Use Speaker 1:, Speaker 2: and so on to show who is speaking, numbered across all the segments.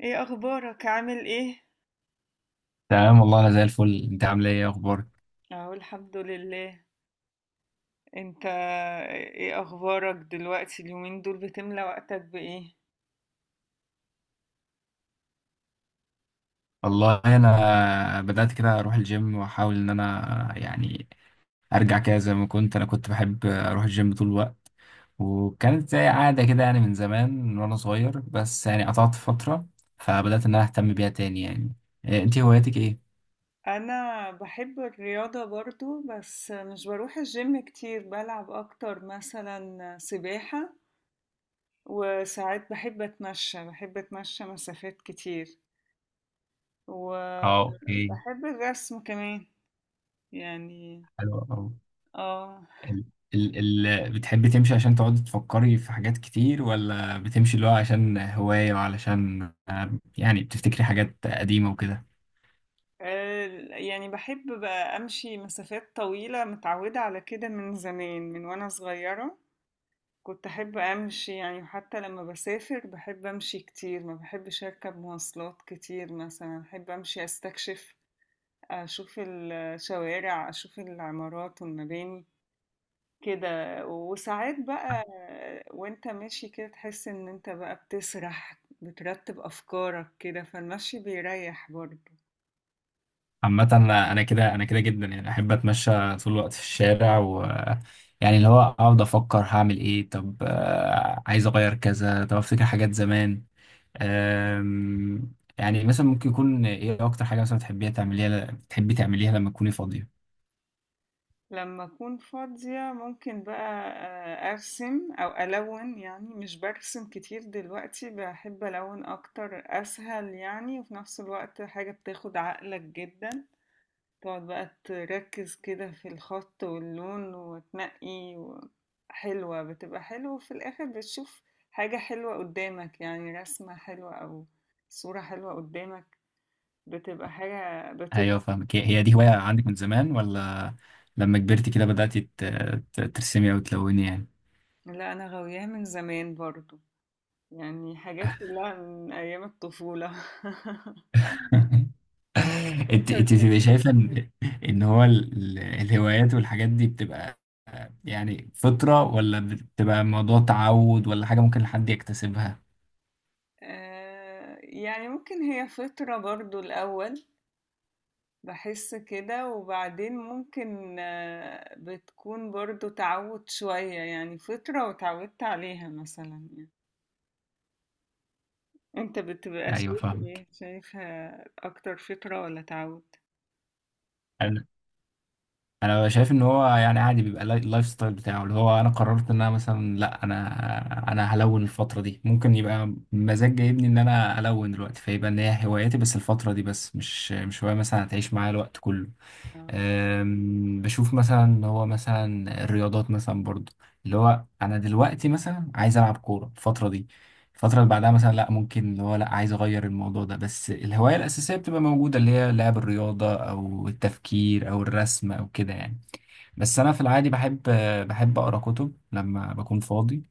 Speaker 1: ايه اخبارك؟ عامل ايه؟
Speaker 2: تمام والله انا زي الفل. انت عامل ايه؟ إيه اخبارك؟
Speaker 1: اهو الحمد لله. انت؟ ايه اخبارك دلوقتي؟ اليومين دول بتملى وقتك بايه؟
Speaker 2: والله انا بدات كده اروح الجيم واحاول ان انا ارجع كده زي ما كنت. كنت بحب اروح الجيم طول الوقت، وكانت زي عاده كده يعني من زمان من وانا صغير، بس يعني قطعت فتره، فبدات ان انا اهتم بيها تاني يعني. إيه، انت هواياتك ايه؟
Speaker 1: انا بحب الرياضة برضو، بس مش بروح الجيم كتير، بلعب اكتر مثلا سباحة. وساعات بحب اتمشى مسافات كتير.
Speaker 2: اه، اوكي.
Speaker 1: وبحب الرسم كمان، يعني.
Speaker 2: حلو أوي.
Speaker 1: اه
Speaker 2: ال ال بتحبي تمشي عشان تقعدي تفكري في حاجات كتير، ولا بتمشي اللي هو عشان هواية وعلشان يعني بتفتكري حاجات قديمة وكده؟
Speaker 1: آه، يعني بحب بقى أمشي مسافات طويلة، متعودة على كده من زمان، من وأنا صغيرة كنت أحب أمشي. يعني حتى لما بسافر بحب أمشي كتير، ما بحبش أركب مواصلات كتير، مثلا أحب أمشي أستكشف، أشوف الشوارع، أشوف العمارات والمباني كده. وساعات بقى وانت ماشي كده تحس ان انت بقى بتسرح، بترتب أفكارك كده، فالمشي بيريح برضه.
Speaker 2: عامة أنا كده، أنا كده جدا يعني، أحب أتمشى طول الوقت في الشارع و يعني اللي هو أقعد أفكر هعمل إيه، طب عايز أغير كذا، طب أفتكر حاجات زمان. يعني مثلا ممكن يكون إيه أكتر حاجة مثلا بتحبي تعمليها لما تكوني فاضية؟
Speaker 1: لما أكون فاضية ممكن بقى أرسم أو ألون. يعني مش برسم كتير دلوقتي، بحب ألون أكتر، أسهل يعني، وفي نفس الوقت حاجة بتاخد عقلك جدا، تقعد بقى تركز كده في الخط واللون بتبقى حلوة. وفي الآخر بتشوف حاجة حلوة قدامك، يعني رسمة حلوة أو صورة حلوة قدامك، بتبقى حاجة
Speaker 2: أيوه
Speaker 1: بتبسط.
Speaker 2: فاهمك. هي دي هواية عندك من زمان، ولا لما كبرتي كده بدأتي ترسمي أو تلوني يعني؟
Speaker 1: لا، أنا غاوياها من زمان برضو، يعني حاجات كلها من أيام الطفولة. وأنت
Speaker 2: انت
Speaker 1: بتحب؟
Speaker 2: بتبقي شايفه ان ان هو الهوايات والحاجات دي بتبقى يعني فطرة، ولا بتبقى الموضوع تعود، ولا حاجة ممكن حد يكتسبها؟
Speaker 1: آه، يعني ممكن هي فترة برضو الأول، بحس كده، وبعدين ممكن بتكون برضو تعود شوية، يعني فترة وتعودت عليها مثلا يعني. أنت بتبقى
Speaker 2: ايوه
Speaker 1: شايف إيه؟
Speaker 2: فاهمك.
Speaker 1: شايفها أكتر فترة ولا تعود؟
Speaker 2: انا انا شايف ان هو يعني عادي، بيبقى اللايف ستايل بتاعه. اللي هو انا قررت ان انا مثلا لا، انا هلون الفترة دي، ممكن يبقى مزاج جايبني ان انا الون دلوقتي، فيبقى ان هي هوايتي بس الفترة دي، بس مش هواية مثلا هتعيش معايا الوقت كله.
Speaker 1: اه.
Speaker 2: أم، بشوف مثلا اللي هو مثلا الرياضات مثلا برضو، اللي هو انا دلوقتي مثلا عايز العب كوره الفتره دي، الفتره اللي بعدها مثلا لا، ممكن اللي هو لا عايز اغير الموضوع ده، بس الهوايه الاساسيه بتبقى موجوده، اللي هي لعب الرياضه او التفكير او الرسم او كده يعني. بس انا في العادي بحب، بحب اقرا كتب لما بكون فاضي.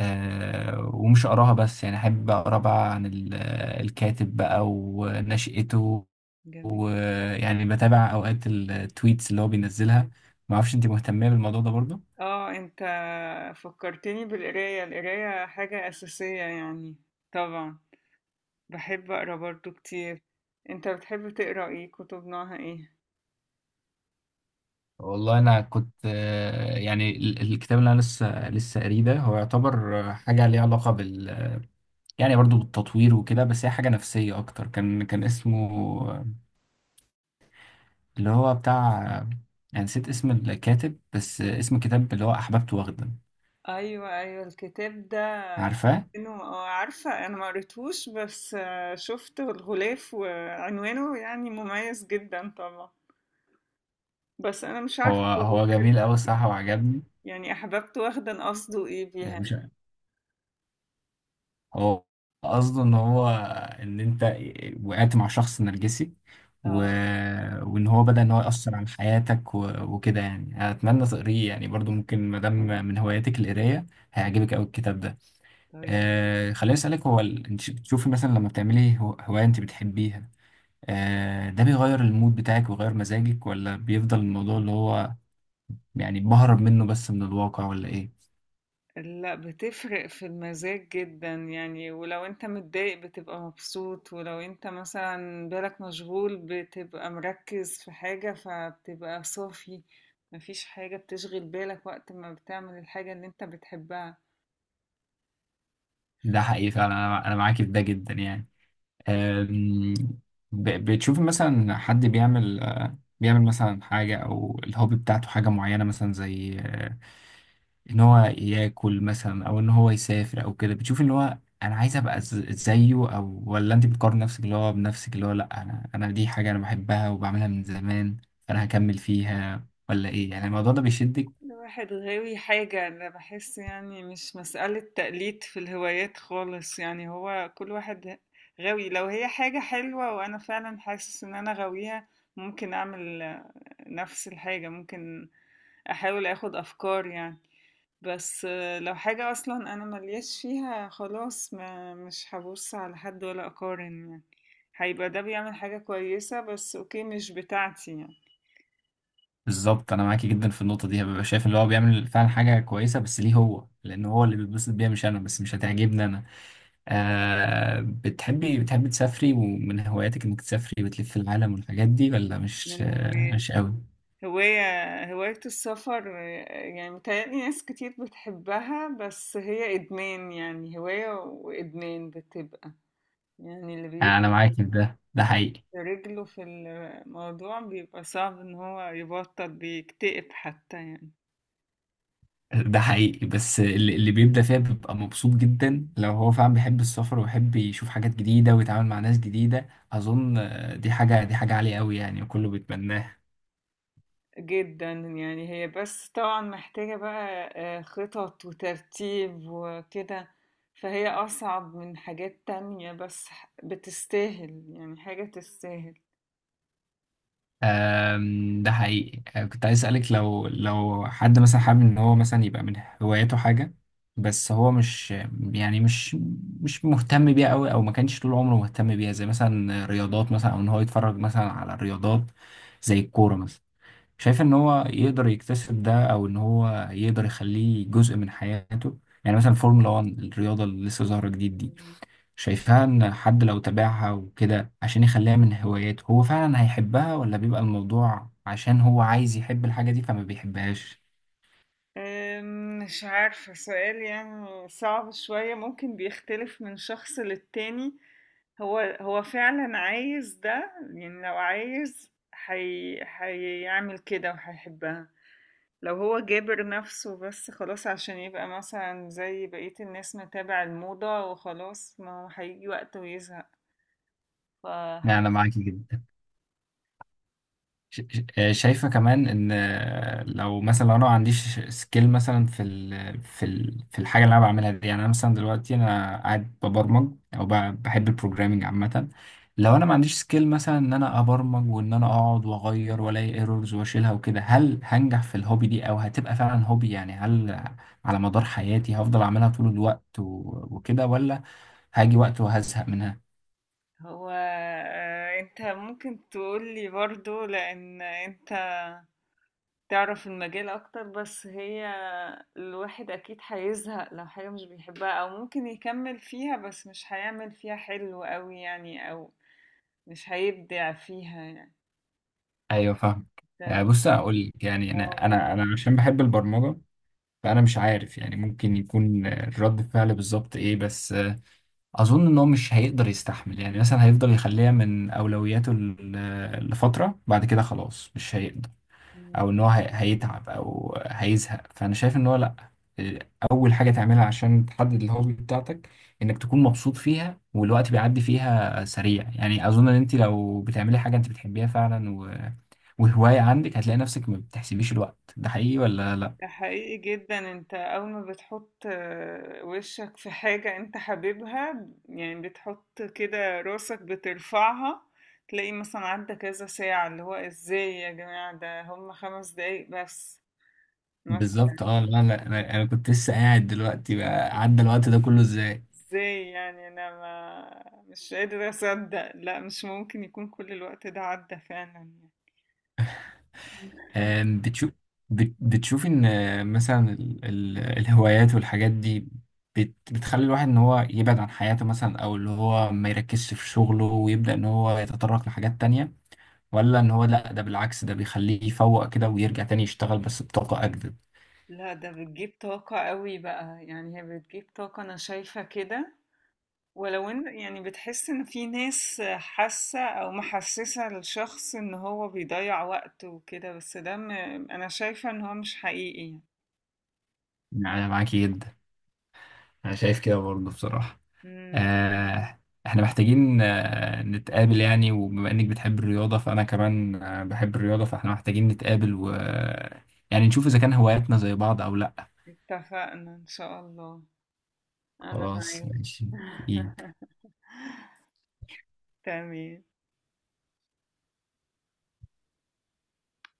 Speaker 2: أه ومش اقراها بس، يعني احب اقرا بقى عن الكاتب بقى ونشأته،
Speaker 1: جميل.
Speaker 2: ويعني بتابع اوقات التويتس اللي هو بينزلها. ما اعرفش انت مهتمه بالموضوع ده برضه؟
Speaker 1: اه. انت فكرتني بالقراية، القراية حاجة أساسية يعني، طبعا باحب أقرا برضه كتير. أنت بتحب تقرا إيه؟ كتب نوعها إيه؟
Speaker 2: والله انا كنت يعني الكتاب اللي انا لسه قاريه ده، هو يعتبر حاجه ليها علاقه بال يعني برضه بالتطوير وكده، بس هي حاجه نفسيه اكتر. كان اسمه آه، اللي هو بتاع يعني نسيت اسم الكاتب، بس
Speaker 1: آه.
Speaker 2: اسم الكتاب اللي هو احببت واخده.
Speaker 1: أيوه، أيوه الكتاب ده
Speaker 2: عارفاه؟
Speaker 1: عنوانه عارفة، أنا ما قريتهوش، بس شفت الغلاف وعنوانه يعني مميز جدا طبعا، بس أنا مش عارفة
Speaker 2: هو
Speaker 1: هو
Speaker 2: هو
Speaker 1: بيتكلم
Speaker 2: جميل قوي
Speaker 1: عن إيه.
Speaker 2: الصراحه وعجبني.
Speaker 1: يعني أحببت واخدة، قصده إيه بيها
Speaker 2: يعني مش،
Speaker 1: أنا.
Speaker 2: هو قصده ان هو، ان انت وقعت مع شخص نرجسي، و...
Speaker 1: آه.
Speaker 2: وان هو بدأ ان هو يأثر على حياتك و... وكده يعني. اتمنى تقريه يعني، برضو ممكن ما دام من هواياتك القرايه هيعجبك قوي
Speaker 1: مهم.
Speaker 2: الكتاب ده.
Speaker 1: طيب.
Speaker 2: آه خليني اسالك، هو ال... انت بتشوفي مثلا لما بتعملي هوايه انت بتحبيها، آه ده بيغير المود بتاعك ويغير مزاجك، ولا بيفضل الموضوع اللي هو يعني بهرب منه بس من الواقع، ولا ايه؟
Speaker 1: لأ، بتفرق في المزاج جدًا يعني، ولو أنت متضايق بتبقى مبسوط، ولو أنت مثلًا بالك مشغول بتبقى مركّز في حاجة، فبتبقى صافي، ما فيش حاجة بتشغل بالك وقت ما بتعمل الحاجة اللي أنت بتحبها،
Speaker 2: ده حقيقي
Speaker 1: فكل
Speaker 2: فعلا. أنا معاكي في ده جدا يعني. أم، بتشوف مثلا حد بيعمل بيعمل مثلا حاجة أو الهوبي بتاعته حاجة معينة مثلا زي، إن هو ياكل مثلا أو إن هو يسافر أو كده، بتشوف إن هو أنا عايز أبقى زيه، أو ولا أنت بتقارن نفسك اللي هو بنفسك، اللي هو لأ أنا دي حاجة أنا بحبها وبعملها من زمان فأنا هكمل فيها، ولا إيه يعني الموضوع ده بيشدك؟
Speaker 1: واحد غاوي حاجة. أنا باحس يعني مش مسألة تقليد في الهوايات خالص، يعني هو كل واحد غاوي، لو هي حاجة حلوة وأنا فعلًا حاسس إن أنا غاويها ممكن أعمل نفس الحاجة، ممكن احاول اخد افكار يعني، بس لو حاجة اصلا انا ملياش فيها خلاص، ما مش هبص على حد ولا اقارن يعني. هيبقى ده بيعمل حاجة كويسة بس اوكي، مش بتاعتي يعني.
Speaker 2: بالظبط، أنا معاكي جدا في النقطة دي. ببقى شايف اللي هو بيعمل فعلا حاجة كويسة، بس ليه هو؟ لأن هو اللي بيتبسط بيها مش أنا، بس مش هتعجبني أنا. آه بتحبي تسافري ومن هواياتك انك تسافري وتلفي العالم والحاجات دي، ولا مش
Speaker 1: من
Speaker 2: آه
Speaker 1: هوايتي
Speaker 2: مش قوي؟
Speaker 1: أو هواية السفر، يعني متهيألي ناس كتير بتحبها، بس هي إدمان، يعني هواية وإدمان بتبقى، يعني اللي
Speaker 2: انا
Speaker 1: بيبقى
Speaker 2: معاكي في ده، ده حقيقي.
Speaker 1: رجله في الموضوع بيبقى صعب ان هو يبطل، بيكتئب حتى يعني.
Speaker 2: ده حقيقي، بس اللي بيبدأ فيها بيبقى مبسوط جدا، لو هو فعلا بيحب السفر ويحب يشوف حاجات جديدة ويتعامل مع ناس جديدة. اظن آه، دي حاجة عالية قوي يعني، وكله بيتمناها.
Speaker 1: جدا يعني، هي بس طبعا محتاجة بقى خطط وترتيب وكده، فهي أصعب من حاجات تانية، بس بتستاهل، يعني حاجة تستاهل.
Speaker 2: آم، ده حقيقي. آه، كنت عايز أسألك، لو حد مثلا حابب إن هو مثلا يبقى من هواياته حاجة، بس هو مش يعني مش مهتم بيها أوي، أو ما كانش طول عمره مهتم بيها، زي مثلا رياضات مثلا، أو إن هو يتفرج مثلا على الرياضات زي الكورة مثلا، شايف إن هو يقدر يكتسب ده، أو إن هو يقدر يخليه جزء من حياته؟ يعني مثلا فورمولا 1 الرياضة اللي لسه ظاهرة جديد دي، شايفاها ان حد لو تابعها وكده عشان يخليها من هواياته هو فعلا هيحبها، ولا بيبقى الموضوع عشان هو عايز يحب الحاجة دي فما بيحبهاش؟
Speaker 1: مش عارفة، سؤال يعني صعب شوية، ممكن بيختلف من شخص للتاني. هو فعلا عايز ده، يعني لو عايز هيعمل كده وهيحبها. لو هو جابر نفسه بس خلاص عشان يبقى مثلا زي بقية الناس متابع الموضة وخلاص، ما هو هيجي وقت ويزهق.
Speaker 2: يعني انا
Speaker 1: فحس.
Speaker 2: معاكي جدا. شايفة كمان ان لو مثلا، لو انا ما عنديش سكيل مثلا في ال في ال في الحاجة اللي انا بعملها دي. يعني انا مثلا دلوقتي انا قاعد ببرمج، او بحب البروجرامينج عامة، لو انا ما عنديش سكيل مثلا ان انا ابرمج وان انا اقعد واغير والاقي ايرورز واشيلها وكده، هل هنجح في الهوبي دي او هتبقى فعلا هوبي؟ يعني هل على مدار حياتي هفضل اعملها طول الوقت وكده، ولا هاجي وقت وهزهق منها؟
Speaker 1: هو انت ممكن تقولي برضو لأن انت تعرف المجال اكتر، بس هي الواحد اكيد هيزهق لو حاجة مش بيحبها، او ممكن يكمل فيها بس مش هيعمل فيها حلو قوي يعني، او مش هيبدع فيها يعني.
Speaker 2: ايوه فاهم. آه،
Speaker 1: ده.
Speaker 2: بص اقول لك يعني، انا
Speaker 1: آه،
Speaker 2: انا انا عشان بحب البرمجه فأنا مش عارف يعني ممكن يكون رد فعل بالظبط إيه، بس أظن إن هو مش هيقدر يستحمل يعني، مثلا هيفضل يخليها من أولوياته لفترة، بعد كده خلاص مش هيقدر،
Speaker 1: مم.
Speaker 2: أو إن هو هيتعب أو هيزهق. فأنا شايف إن هو لأ، أول حاجة تعملها عشان تحدد الهوبي بتاعتك إنك تكون مبسوط فيها والوقت بيعدي فيها سريع. يعني أظن إن أنت لو بتعملي حاجة أنت بتحبيها فعلا و... وهواية عندك هتلاقي نفسك ما بتحسبيش الوقت. ده حقيقي ولا لأ؟
Speaker 1: ده حقيقي جدا. انت اول ما بتحط وشك في حاجة انت حاببها، يعني بتحط كده راسك بترفعها، تلاقي مثلا عدى كذا ساعة، اللي هو ازاي يا جماعة، ده هم 5 دقايق بس
Speaker 2: بالظبط.
Speaker 1: مثلا.
Speaker 2: اه لا انا أنا كنت لسه قاعد دلوقتي بقى، عدى الوقت ده كله ازاي!
Speaker 1: ازاي يعني، انا ما مش قادرة اصدق، لا مش ممكن يكون كل الوقت ده عدى فعلا يعني.
Speaker 2: آم، بتشوف، بتشوف ان آه، مثلا الهوايات والحاجات دي بتخلي الواحد ان هو يبعد عن حياته مثلا، او اللي هو ما يركزش في شغله ويبدأ ان هو يتطرق لحاجات تانية، ولا ان هو لا ده بالعكس ده بيخليه يفوق كده ويرجع تاني يشتغل بس بطاقة اجدد؟
Speaker 1: لا، ده بتجيب طاقة قوي بقى، يعني هي بتجيب طاقة، أنا شايفة كده. ولو إن يعني بتحس إن في ناس حاسة أو محسسة للشخص إن هو بيضيع وقته وكده، بس أنا شايفة إن هو مش حقيقي يعني.
Speaker 2: يعني أنا معاكي جدا، انا شايف كده برضه بصراحة.
Speaker 1: مم.
Speaker 2: آه، احنا محتاجين نتقابل يعني، وبما انك بتحب الرياضة فانا كمان آه، بحب الرياضة، فاحنا محتاجين نتقابل و يعني نشوف اذا كان هواياتنا زي بعض او لا.
Speaker 1: اتفقنا إن شاء الله. أنا
Speaker 2: خلاص
Speaker 1: معاك.
Speaker 2: ماشي. ايه؟
Speaker 1: تمام